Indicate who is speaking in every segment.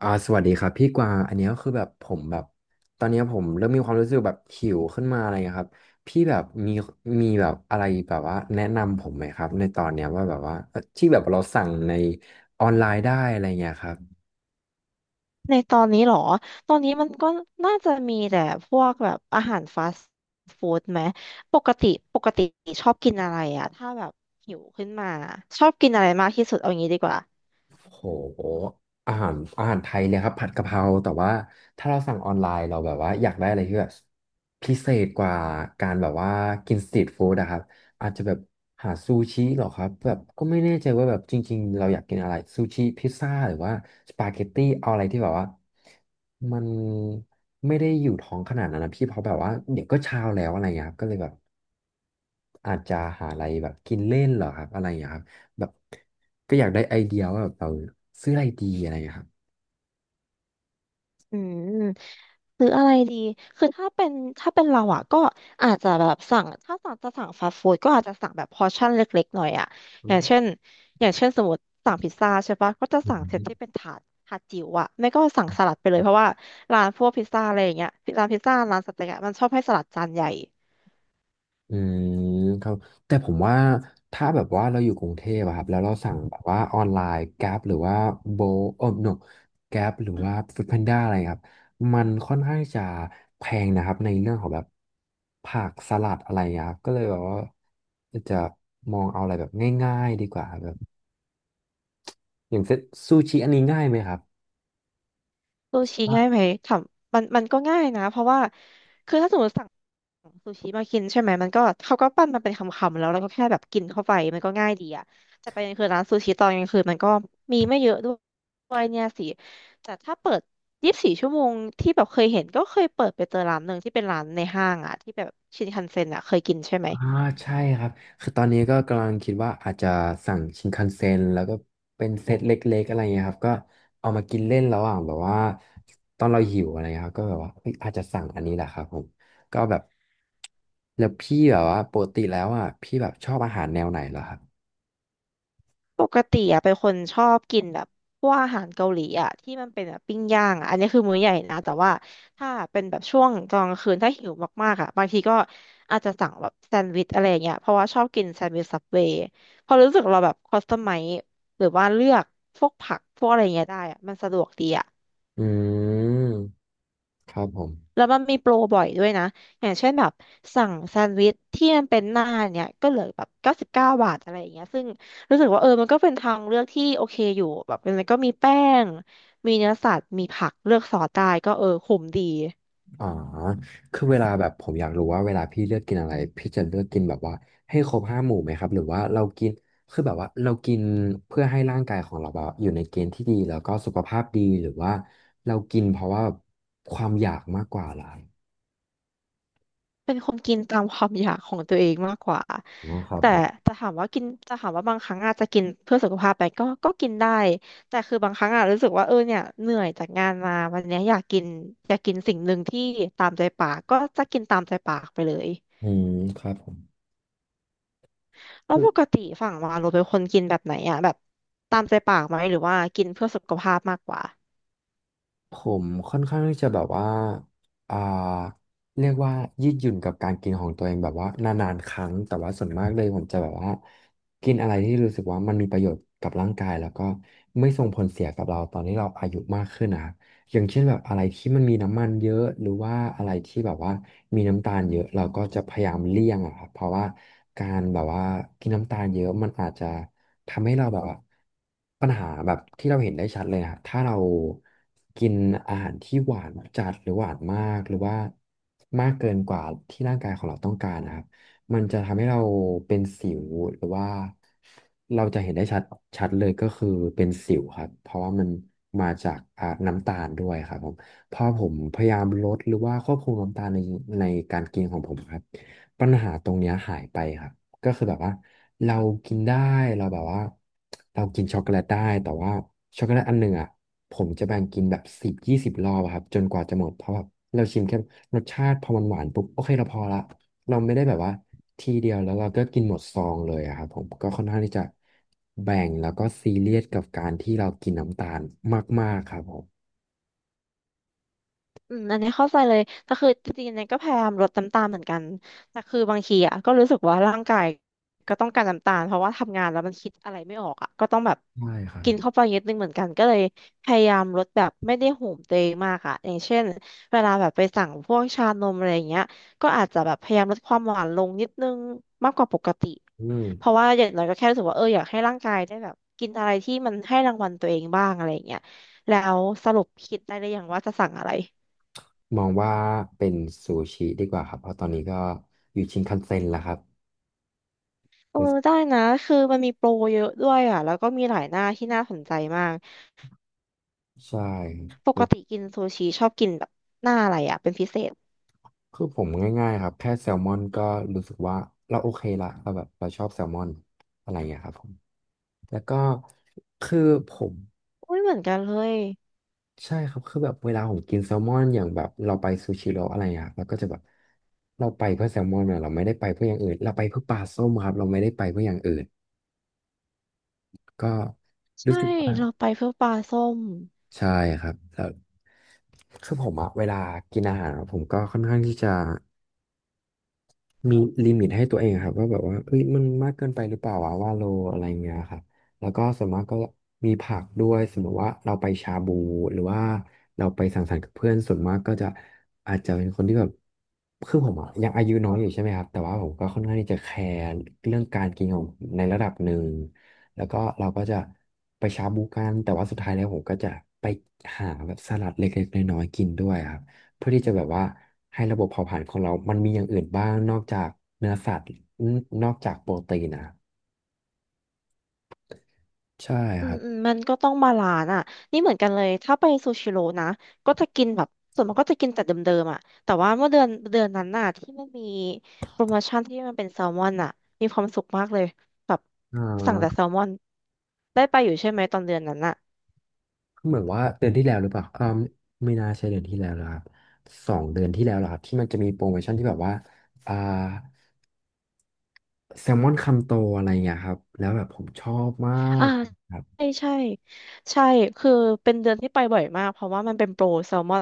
Speaker 1: สวัสดีครับพี่กวางอันเนี้ยคือแบบผมแบบตอนเนี้ยผมเริ่มมีความรู้สึกแบบหิวขึ้นมาอะไรเงี้ยครับพี่แบบมีแบบอะไรแบบว่าแนะนำผมไหมครับในตอนเนี้ยว่าแบบว่าที่แบบเราสั่งในออนไลน์ได้อะไรเงี้ยครับ
Speaker 2: ในตอนนี้เหรอ ตอนนี้มันก็น่าจะมีแต่พวกแบบอาหารฟาสต์ฟู้ดไหม ปกติปกติชอบกินอะไรอะถ้าแบบหิวขึ้นมาชอบกินอะไรมากที่สุดเอางี้ดีกว่า
Speaker 1: โหอาหารไทยเนี่ยครับผัดกะเพราแต่ว่าถ้าเราสั่งออนไลน์เราแบบว่าอยากได้อะไรที่แบบพิเศษกว่าการแบบว่ากินสตรีทฟู้ดอะครับอาจจะแบบหาซูชิเหรอครับแบบก็ไม่แน่ใจว่าแบบจริงๆเราอยากกินอะไรซูชิพิซซ่าหรือว่าสปาเกตตี้เอาอะไรที่แบบว่ามันไม่ได้อยู่ท้องขนาดนั้นนะพี่เพราะแบบว่าเดี๋ยวก็เช้าแล้วอะไรอย่างเงี้ยครับก็เลยแบบ อาจจะหาอะไรแบบกินเล่นเหรอครับอะไรอย่างเงี้ยครับแบบก็อยากได้ไอเดียว่าแบบเราซื้ออะไรดีอะไรอย่างเงี้ยครับ
Speaker 2: อืมซื้ออะไรดีคือถ้าเป็นเราอ่ะก็อาจจะแบบสั่งถ้าสั่งจะสั่งฟาสต์ฟู้ดก็อาจจะสั่งแบบพอร์ชั่นเล็กๆหน่อยอ่ะ
Speaker 1: อื
Speaker 2: อย่างเช่นอย่างเช่นสมมติสั่งพิซซ่าใช่ปะก็จะสั่งเซต
Speaker 1: ม
Speaker 2: ที่เป็นถาดถาดจิ๋วอ่ะไม่ก็สั่งสลัดไปเลยเพราะว่าร้านพวกพิซซ่าอะไรอย่างเงี้ยร้านพิซซ่าร้านสเต็กอะมันชอบให้สลัดจานใหญ่
Speaker 1: อืมครับแต่ผมว่าถ้าแบบว่าเราอยู่กรุงเทพอะครับแล้วเราสั่งแบบว่าออนไลน์ Grab หรือว่าโบโอ้ no Grab หรือว่า f o o d พ a n ้าอะไรครับมันค่อนข้างจะแพงนะครับในเรื่องของแบบผักสลัดอะไรอย่างเงี้ยครับก็เลยแบบว่าจะมองเอาอะไรแบบง่ายๆดีกว่าครับแบบอย่างเซตซูชิอันนี้ง่ายไหมครับ
Speaker 2: ซูชิง่ายไหมถามมันมันก็ง่ายนะเพราะว่าคือถ้าสมมติสั่งซูชิมากินใช่ไหมมันก็เขาก็ปั้นมันเป็นคำๆแล้วเราก็แค่แบบกินเข้าไปมันก็ง่ายดีอะแต่ประเด็นคือร้านซูชิตอนกลางคืนมันก็มีไม่เยอะด้วยเนี่ยสิแต่ถ้าเปิด24 ชั่วโมงที่แบบเคยเห็นก็เคยเปิดไปเจอร้านหนึ่งที่เป็นร้านในห้างอะที่แบบชินคันเซ็นอะเคยกินใช่ไหม
Speaker 1: อ่าใช่ครับคือตอนนี้ก็กำลังคิดว่าอาจจะสั่งชินคันเซ็นแล้วก็เป็นเซตเล็กๆอะไรเงี้ยครับก็เอามากินเล่นระหว่างแบบว่าตอนเราหิวอะไรเงี้ยครับก็แบบว่าเอ้ยอาจจะสั่งอันนี้แหละครับผมก็แบบแล้วพี่แบบว่าปกติแล้วอ่ะพี่แบบชอบอาหารแนวไหนเหรอครับ
Speaker 2: ปกติอะเป็นคนชอบกินแบบพวกอาหารเกาหลีอะที่มันเป็นแบบปิ้งย่างอะอันนี้คือมื้อใหญ่นะแต่ว่าถ้าเป็นแบบช่วงกลางคืนถ้าหิวมากๆอะบางทีก็อาจจะสั่งแบบแซนด์วิชอะไรอย่างเงี้ยเพราะว่าชอบกินแซนด์วิชซับเวย์พอรู้สึกเราแบบคัสตอมไมซ์หรือว่าเลือกพวกผักพวกอะไรเงี้ยได้อะมันสะดวกดีอะ
Speaker 1: อืมครับผม
Speaker 2: แล้วมันมีโปรบ่อยด้วยนะอย่างเช่นแบบสั่งแซนด์วิชที่มันเป็นหน้าเนี่ยก็เหลือแบบ99 บาทอะไรอย่างเงี้ยซึ่งรู้สึกว่าเออมันก็เป็นทางเลือกที่โอเคอยู่แบบมันก็มีแป้งมีเนื้อสัตว์มีผักเลือกซอสได้ก็เออคุ้มดี
Speaker 1: อ๋อคือเวลาแบบผมอยากรู้ว่าเวลาพี่เลือกกินอะไรพี่จะเลือกกินแบบว่าให้ครบห้าหมู่ไหมครับหรือว่าเรากินคือแบบว่าเรากินเพื่อให้ร่างกายของเราแบบอยู่ในเกณฑ์ที่ดีแล้วก็สุขภาพดีหรือว่าเรากินเพราะว่าความอยากมากกว่าอะไร
Speaker 2: เป็นคนกินตามความอยากของตัวเองมากกว่า
Speaker 1: นะครับ
Speaker 2: แต่
Speaker 1: ผม
Speaker 2: จะถามว่ากินจะถามว่าบางครั้งอาจจะกินเพื่อสุขภาพไปก็ก็กินได้แต่คือบางครั้งอะรู้สึกว่าเออเนี่ยเหนื่อยจากงานมาวันเนี้ยอยากกินอยากกินสิ่งหนึ่งที่ตามใจปากก็จะกินตามใจปากไปเลย
Speaker 1: อืมครับผม
Speaker 2: แล้วปกติฝั่งวาเราเป็นคนกินแบบไหนอะแบบตามใจปากไหมหรือว่ากินเพื่อสุขภาพมากกว่า
Speaker 1: ผมค่อนข้างที่จะแบบว่าอ่าเรียกว่ายืดหยุ่นกับการกินของตัวเองแบบว่านานๆครั้งแต่ว่าส่วนมากเลยผมจะแบบว่ากินอะไรที่รู้สึกว่ามันมีประโยชน์กับร่างกายแล้วก็ไม่ส่งผลเสียกับเราตอนที่เราอายุมากขึ้นนะครับอย่างเช่นแบบอะไรที่มันมีน้ำมันเยอะหรือว่าอะไรที่แบบว่ามีน้ำตาลเยอะเราก็จะพยายามเลี่ยงอะครับเพราะว่าการแบบว่ากินน้ำตาลเยอะมันอาจจะ ทำให้เราแบบว่าปัญหาแบบที่เราเห็นได้ชัดเลยนะถ้าเรากินอาหารที่หวานจัดหรือหวานมากหรือว่ามากเกินกว่าที่ร่างกายของเราต้องการนะครับมันจะทำให้เราเป็นสิวหรือว่าเราจะเห็นได้ชัดเลยก็คือเป็นสิวครับเพราะว่ามันมาจากน้ำตาลด้วยครับผมพอผมพยายามลดหรือว่าควบคุมน้ำตาลในการกินของผมครับปัญหาตรงเนี้ยหายไปครับ ก็คือแบบว่าเรากินได้เราแบบว่าเรากินช็อกโกแลตได้แต่ว่าช็อกโกแลตอันหนึ่งอ่ะผมจะแบ่งกินแบบสิบยี่สิบรอบอะครับจนกว่าจะหมดเพราะแบบเราชิมแค่รสชาติพอมันหวานปุ๊บโอเคเราพอละเราไม่ได้แบบว่าทีเดียวแล้วเราก็กินหมดซองเลยอะครับผมก็ค่อนข้างที่จะแบ่งแล้วก็ซีเรียสกับการที่เรากินน้ำตาลมากๆครับผม
Speaker 2: อืมอันนี้เข้าใจเลยแต่คือจริงๆเนี่ยก็พยายามลดน้ำตาลเหมือนกันแต่คือบางทีอ่ะก็รู้สึกว่าร่างกายก็ต้องการน้ำตาลเพราะว่าทำงานแล้วมันคิดอะไรไม่ออกอ่ะก็ต้องแบบ
Speaker 1: ใช่ครับ
Speaker 2: กินเข้าไปเยอะนิดนึงเหมือนกันก็เลยพยายามลดแบบไม่ได้โหมตัวเองมากอ่ะอย่างเช่นเวลาแบบไปสั่งพวกชานมอะไรอย่างเงี้ยก็อาจจะแบบพยายามลดความหวานลงนิดนึงมากกว่าปกติ
Speaker 1: อืม
Speaker 2: เพราะว่าอย่างน้อยก็แค่รู้สึกว่าเอออยากให้ร่างกายได้แบบกินอะไรที่มันให้รางวัลตัวเองบ้างอะไรอย่างเงี้ยแล้วสรุปคิดได้หรือยังว่าจะสั่งอะไร
Speaker 1: มองว่าเป็นซูชิดีกว่าครับเพราะตอนนี้ก็อยู่ชินคันเซ็นแล้วครับ
Speaker 2: เออได้นะคือมันมีโปรเยอะด้วยอ่ะแล้วก็มีหลายหน้าที่น่าสนใจมาก
Speaker 1: ใช่
Speaker 2: ป
Speaker 1: ค
Speaker 2: ก
Speaker 1: รับ
Speaker 2: ติกินซูชิชอบกินแบบหน้าอะไรอ่ะเป็นพิเศษ
Speaker 1: คือผมง่ายๆครับแค่แซลมอนก็รู้สึกว่าเราโอเคละเราแบบเราชอบแซลมอนอะไรอย่างเงี้ยครับผมแล้วก็คือผม
Speaker 2: อุ้ยเหมือนกันเลย
Speaker 1: ใช่ครับคือแบบเวลาผมกินแซลมอนอย่างแบบเราไปซูชิโร่อะไรอย่างเงี้ยครับเราก็จะแบบเราไปเพื่อแซลมอนเนี่ยเราไม่ได้ไปเพื่ออย่างอื่นเราไปเพื่อปลาส้มครับเราไม่ได้ไปเพื่ออย่างอื่นก็รู้
Speaker 2: ใช่
Speaker 1: สึกว่า
Speaker 2: เราไปเพื่อปลาส้ม
Speaker 1: ใช่ครับแล้วคือผมอะเวลากินอาหารอะผมก็ค่อนข้างที่จะ มีลิมิตให้ตัวเองครับว่าแบบว่าเอ้ยมันมากเกินไปหรือเปล่าวะว่าโลอะไรเงี้ยครับแล้วก็ส่วนมากก็มีผักด้วยสมมติว่าเราไปชาบูหรือว่าเราไปสังสรรค์กับเพื่อนส่วนมากก็จะอาจจะเป็นคนที่แบบคือผมอะยังอายุน้อยอยู่ใช่ไหมครับแต่ว่าผมก็ค่อนข้างที่จะแคร์เรื่องการกินของผมในระดับหนึ่งแล้วก็เราก็จะไปชาบูกันแต่ว่าสุดท้ายแล้วผมก็จะไปหาแบบสลัดเล็กๆน้อยๆกินด้วยครับ เพื่อที่จะแบบว่าให้ระบบเผาผลาญของเรา มันมีอย่างอื่นบ้างนอกจากเนื้อสัตว์นอกจากโปรตีนนะใช่
Speaker 2: อื
Speaker 1: ครั
Speaker 2: ม
Speaker 1: บ
Speaker 2: อืมมันก็ต้องบาลานซ์อ่ะนี่เหมือนกันเลยถ้าไปซูชิโร่นะก็จะกินแบบส่วนมากก็จะกินแต่เดิมๆอ่ะแต่ว่าเมื่อเดือนนั้นน่ะที่มันมีโปรโมชั่นที่มันเป็นแซลมอนอ่ะมีความสุขมากเลยแบบ
Speaker 1: อ่
Speaker 2: สั่งแต่
Speaker 1: า
Speaker 2: แซลมอนได้ไปอยู่ใช่ไหมตอนเดือนนั้นอ่ะ
Speaker 1: เหมือนว่าเดือนที่แล้วหรือเปล่าไม่น่าใช่เดือนที่แล้วแลครับสองเดือนที่แล้วเหรอครับที่มันจะมีโปรโมชั่นที่แบบว่าอ่าแซลมอนคำโตอะไรเงี้ยครับแล้วแบบผมชอบมา
Speaker 2: อ่า
Speaker 1: กครับ
Speaker 2: ใช่ใช่ใช่คือเป็นเดือนที่ไปบ่อยมากเพราะว่ามันเป็นโปรแซลมอน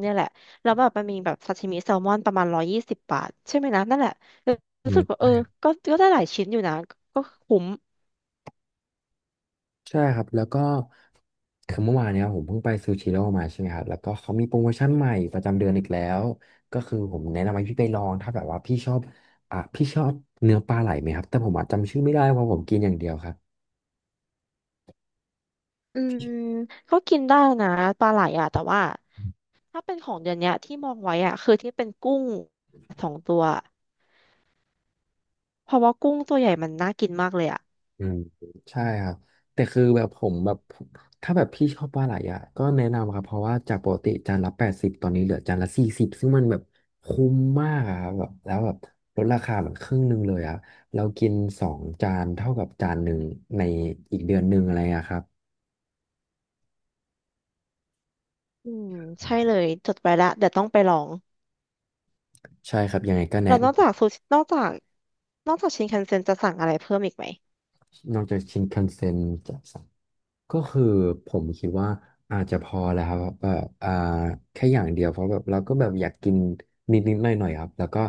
Speaker 2: เนี่ยแหละแล้วแบบมันมีแบบซาชิมิแซลมอนประมาณ120 บาทใช่ไหมนะนั่นแหละรู้สึกว่าเออก็ก็ได้หลายชิ้นอยู่นะก็คุ้ม
Speaker 1: ใช่ครับแล้วก็คือเมื่อวานเนี้ยผมเพิ่งไปซูชิโร่มาใช่ไหมครับแล้วก็เขามีโปรโมชั่นใหม่ประจำเดือนอีกแล้วก็คือผมแนะนำให้พี่ไปลองถ้าแบบว่าพี่ชอบอ่ะพี่ชอบเนื้อปลาไหลไหมครับแต่ผมอะจำชื่อไม่ได้เพราะผมกินอย่างเดียวครับ
Speaker 2: อืมก็กินได้นะปลาไหลอ่ะแต่ว่าถ้าเป็นของเดือนเนี้ยที่มองไว้อ่ะคือที่เป็นกุ้งสองตัวเพราะว่ากุ้งตัวใหญ่มันน่ากินมากเลยอ่ะ
Speaker 1: อืมใช่ครับแต่คือแบบผมแบบถ้าแบบพี่ชอบปลาไหลอ่ะก็แนะนำครับเพราะว่าจากปกติจานละ80ตอนนี้เหลือจานละ40ซึ่งมันแบบคุ้มมากอะครับแบบแล้วแบบลดราคาแบบครึ่งหนึ่งเลยอ่ะเรากินสองจานเท่ากับจานหนึ่งในอีกเดือนหนึ่งอะไรอะครับ
Speaker 2: อืมใช่
Speaker 1: ใช่
Speaker 2: เลยจดไว้ละเดี๋ยวต้องไปลอง
Speaker 1: ครับยังไงก็แนะ
Speaker 2: แล้วนอกจากซูชินอกจากนอกจากชินคันเซ็นจะสั่งอะไรเพิ่มอีกไหม
Speaker 1: นอกจากชินคันเซ็นจะสั่งก็คือผมคิดว่าอาจจะพอแล้วครับแบบแค่อย่างเดียวเพราะแบบเราก็แบบอยากกินนิดนิดหน่อยหน่อยๆครับแล้วก็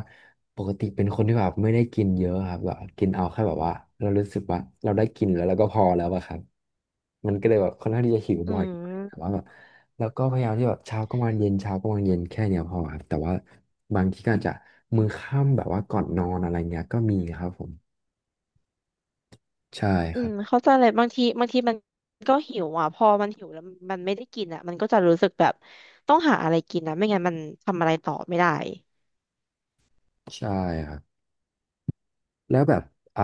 Speaker 1: ปกติเป็นคนที่แบบไม่ได้กินเยอะครับแบบกินเอาแค่แบบว่าเรารู้สึกว่าเราได้กินแล้วเราก็พอแล้วอะครับมันก็เลยแบบค่อนข้างที่จะหิว
Speaker 2: อื
Speaker 1: บ่อยแต่
Speaker 2: ม
Speaker 1: ว่าแบบแล้วก็พยายามที่แบบเช้าก็มาเย็นเช้าก็มาเย็นแค่เนี้ยพอครับแต่ว่าบางทีก็อาจจะมื้อค่ำแบบว่าก่อนนอนอะไรเงี้ยก็มีครับผมใช่
Speaker 2: อื
Speaker 1: ครั
Speaker 2: ม
Speaker 1: บ
Speaker 2: เข้าใจเลยบางทีบางทีมันก็หิวอ่ะพอมันหิวแล้วมันไม่ได้กินอ่ะมันก็จะรู้สึกแบบต้องหาอะไรกินนะไม่งั้นมันทำอะไรต่อไม่ได้
Speaker 1: ใช่ครับ แล้วแบบอ่า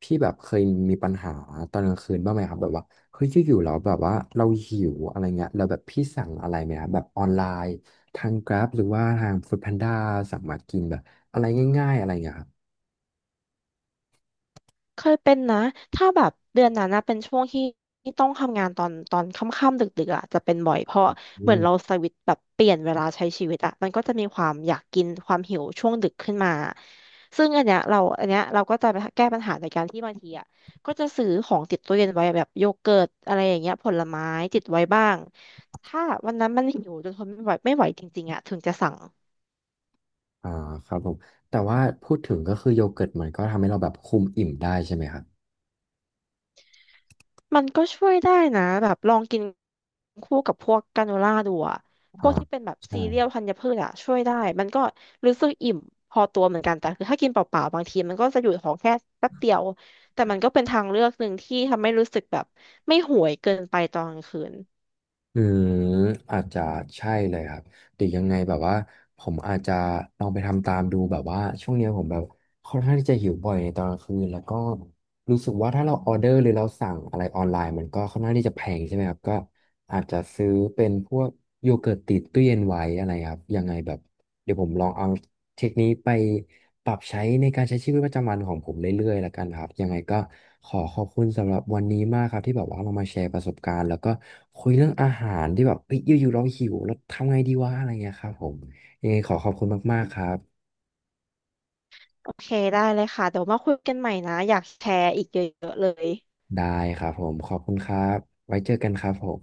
Speaker 1: พี่แบบเคยมีปัญหาตอนกลางคืนบ้างไหมครับแบบว่าเฮ้ยอยู่ๆเราแบบว่าเราหิวอะไรเงี้ยแล้วแบบพี่สั่งอะไรไหมครับแบบออนไลน์ทาง Grab หรือว่าทาง Food Panda สั่งมากินแบบอะไรง่ายๆอะไรเงี้ยครับ
Speaker 2: เคยเป็นนะถ้าแบบเดือนนั้นนะเป็นช่วงที่ที่ต้องทำงานตอนค่ำๆดึกๆอ่ะจะเป็นบ่อยเพราะ
Speaker 1: อื
Speaker 2: เหมือน
Speaker 1: ม
Speaker 2: เราสวิตช์แบบเปลี่ยนเวลาใช้ชีวิตอ่ะมันก็จะมีความอยากกินความหิวช่วงดึกขึ้นมาซึ่งอันเนี้ยเราก็จะไปแก้ปัญหาโดยการที่บางทีอ่ะก็จะซื้อของติดตู้เย็นไว้แบบโยเกิร์ตอะไรอย่างเงี้ยผลไม้ติดไว้บ้างถ้าวันนั้นมันหิวจนทนไม่ไหวไม่ไหวจริงๆอ่ะถึงจะสั่ง
Speaker 1: อ่าครับผมแต่ว่าพูดถึงก็คือโยเกิร์ตมันก็ทำให้เราแบบคุมอิ่มได้ใช่ไหมครับ
Speaker 2: มันก็ช่วยได้นะแบบลองกินคู่กับพวกกราโนล่าดูอะพ
Speaker 1: อ่า
Speaker 2: วกที่เป็นแบบ
Speaker 1: ใช่
Speaker 2: ซีเรียลธัญพืชอะช่วยได้มันก็รู้สึกอิ่มพอตัวเหมือนกันแต่คือถ้ากินเปล่าๆบางทีมันก็จะอยู่ท้องแค่แป๊บเดียวแต่มันก็เป็นทางเลือกหนึ่งที่ทำให้รู้สึกแบบไม่ห่วยเกินไปตอนกลางคืน
Speaker 1: อืมอาจจะใช่เลยครับหรือยังไงแบบว่าผมอาจจะลองไปทำตามดูแบบว่าช่วงเนี้ยผมแบบค่อนข้างที่จะหิวบ่อยในตอนกลางคืนแล้วก็ รู้สึกว่าถ้าเราออเดอร์หรือเราสั่งอะไรออนไลน์มันก็ค่อนข้างที่จะแพงใช่ไหมครับก็อาจจะซื้อเป็นพวกโยเกิร์ตติดตู้เย็นไว้อะไรครับยังไงแบบเดี๋ยวผมลองเอาเทคนิคไปปรับใช้ในการใช้ชีวิตประจำวันของผมเรื่อยๆแล้วกันครับยังไงก็ขอขอบคุณสำหรับวันนี้มากครับที่แบบว่าเรามาแชร์ประสบการณ์แล้วก็คุยเรื่องอาหารที่แบบเอ้ยอยู่ๆเราหิวแล้วทำไงดีวะอะไรเงี้ยครับผมยังไงขอขอบคุณมากๆครับ
Speaker 2: โอเคได้เลยค่ะเดี๋ยวมาคุยกันใหม่นะอยากแชร์อีกเยอะๆเลย
Speaker 1: ได้ครับผมขอบคุณครับไว้เจอกันครับผม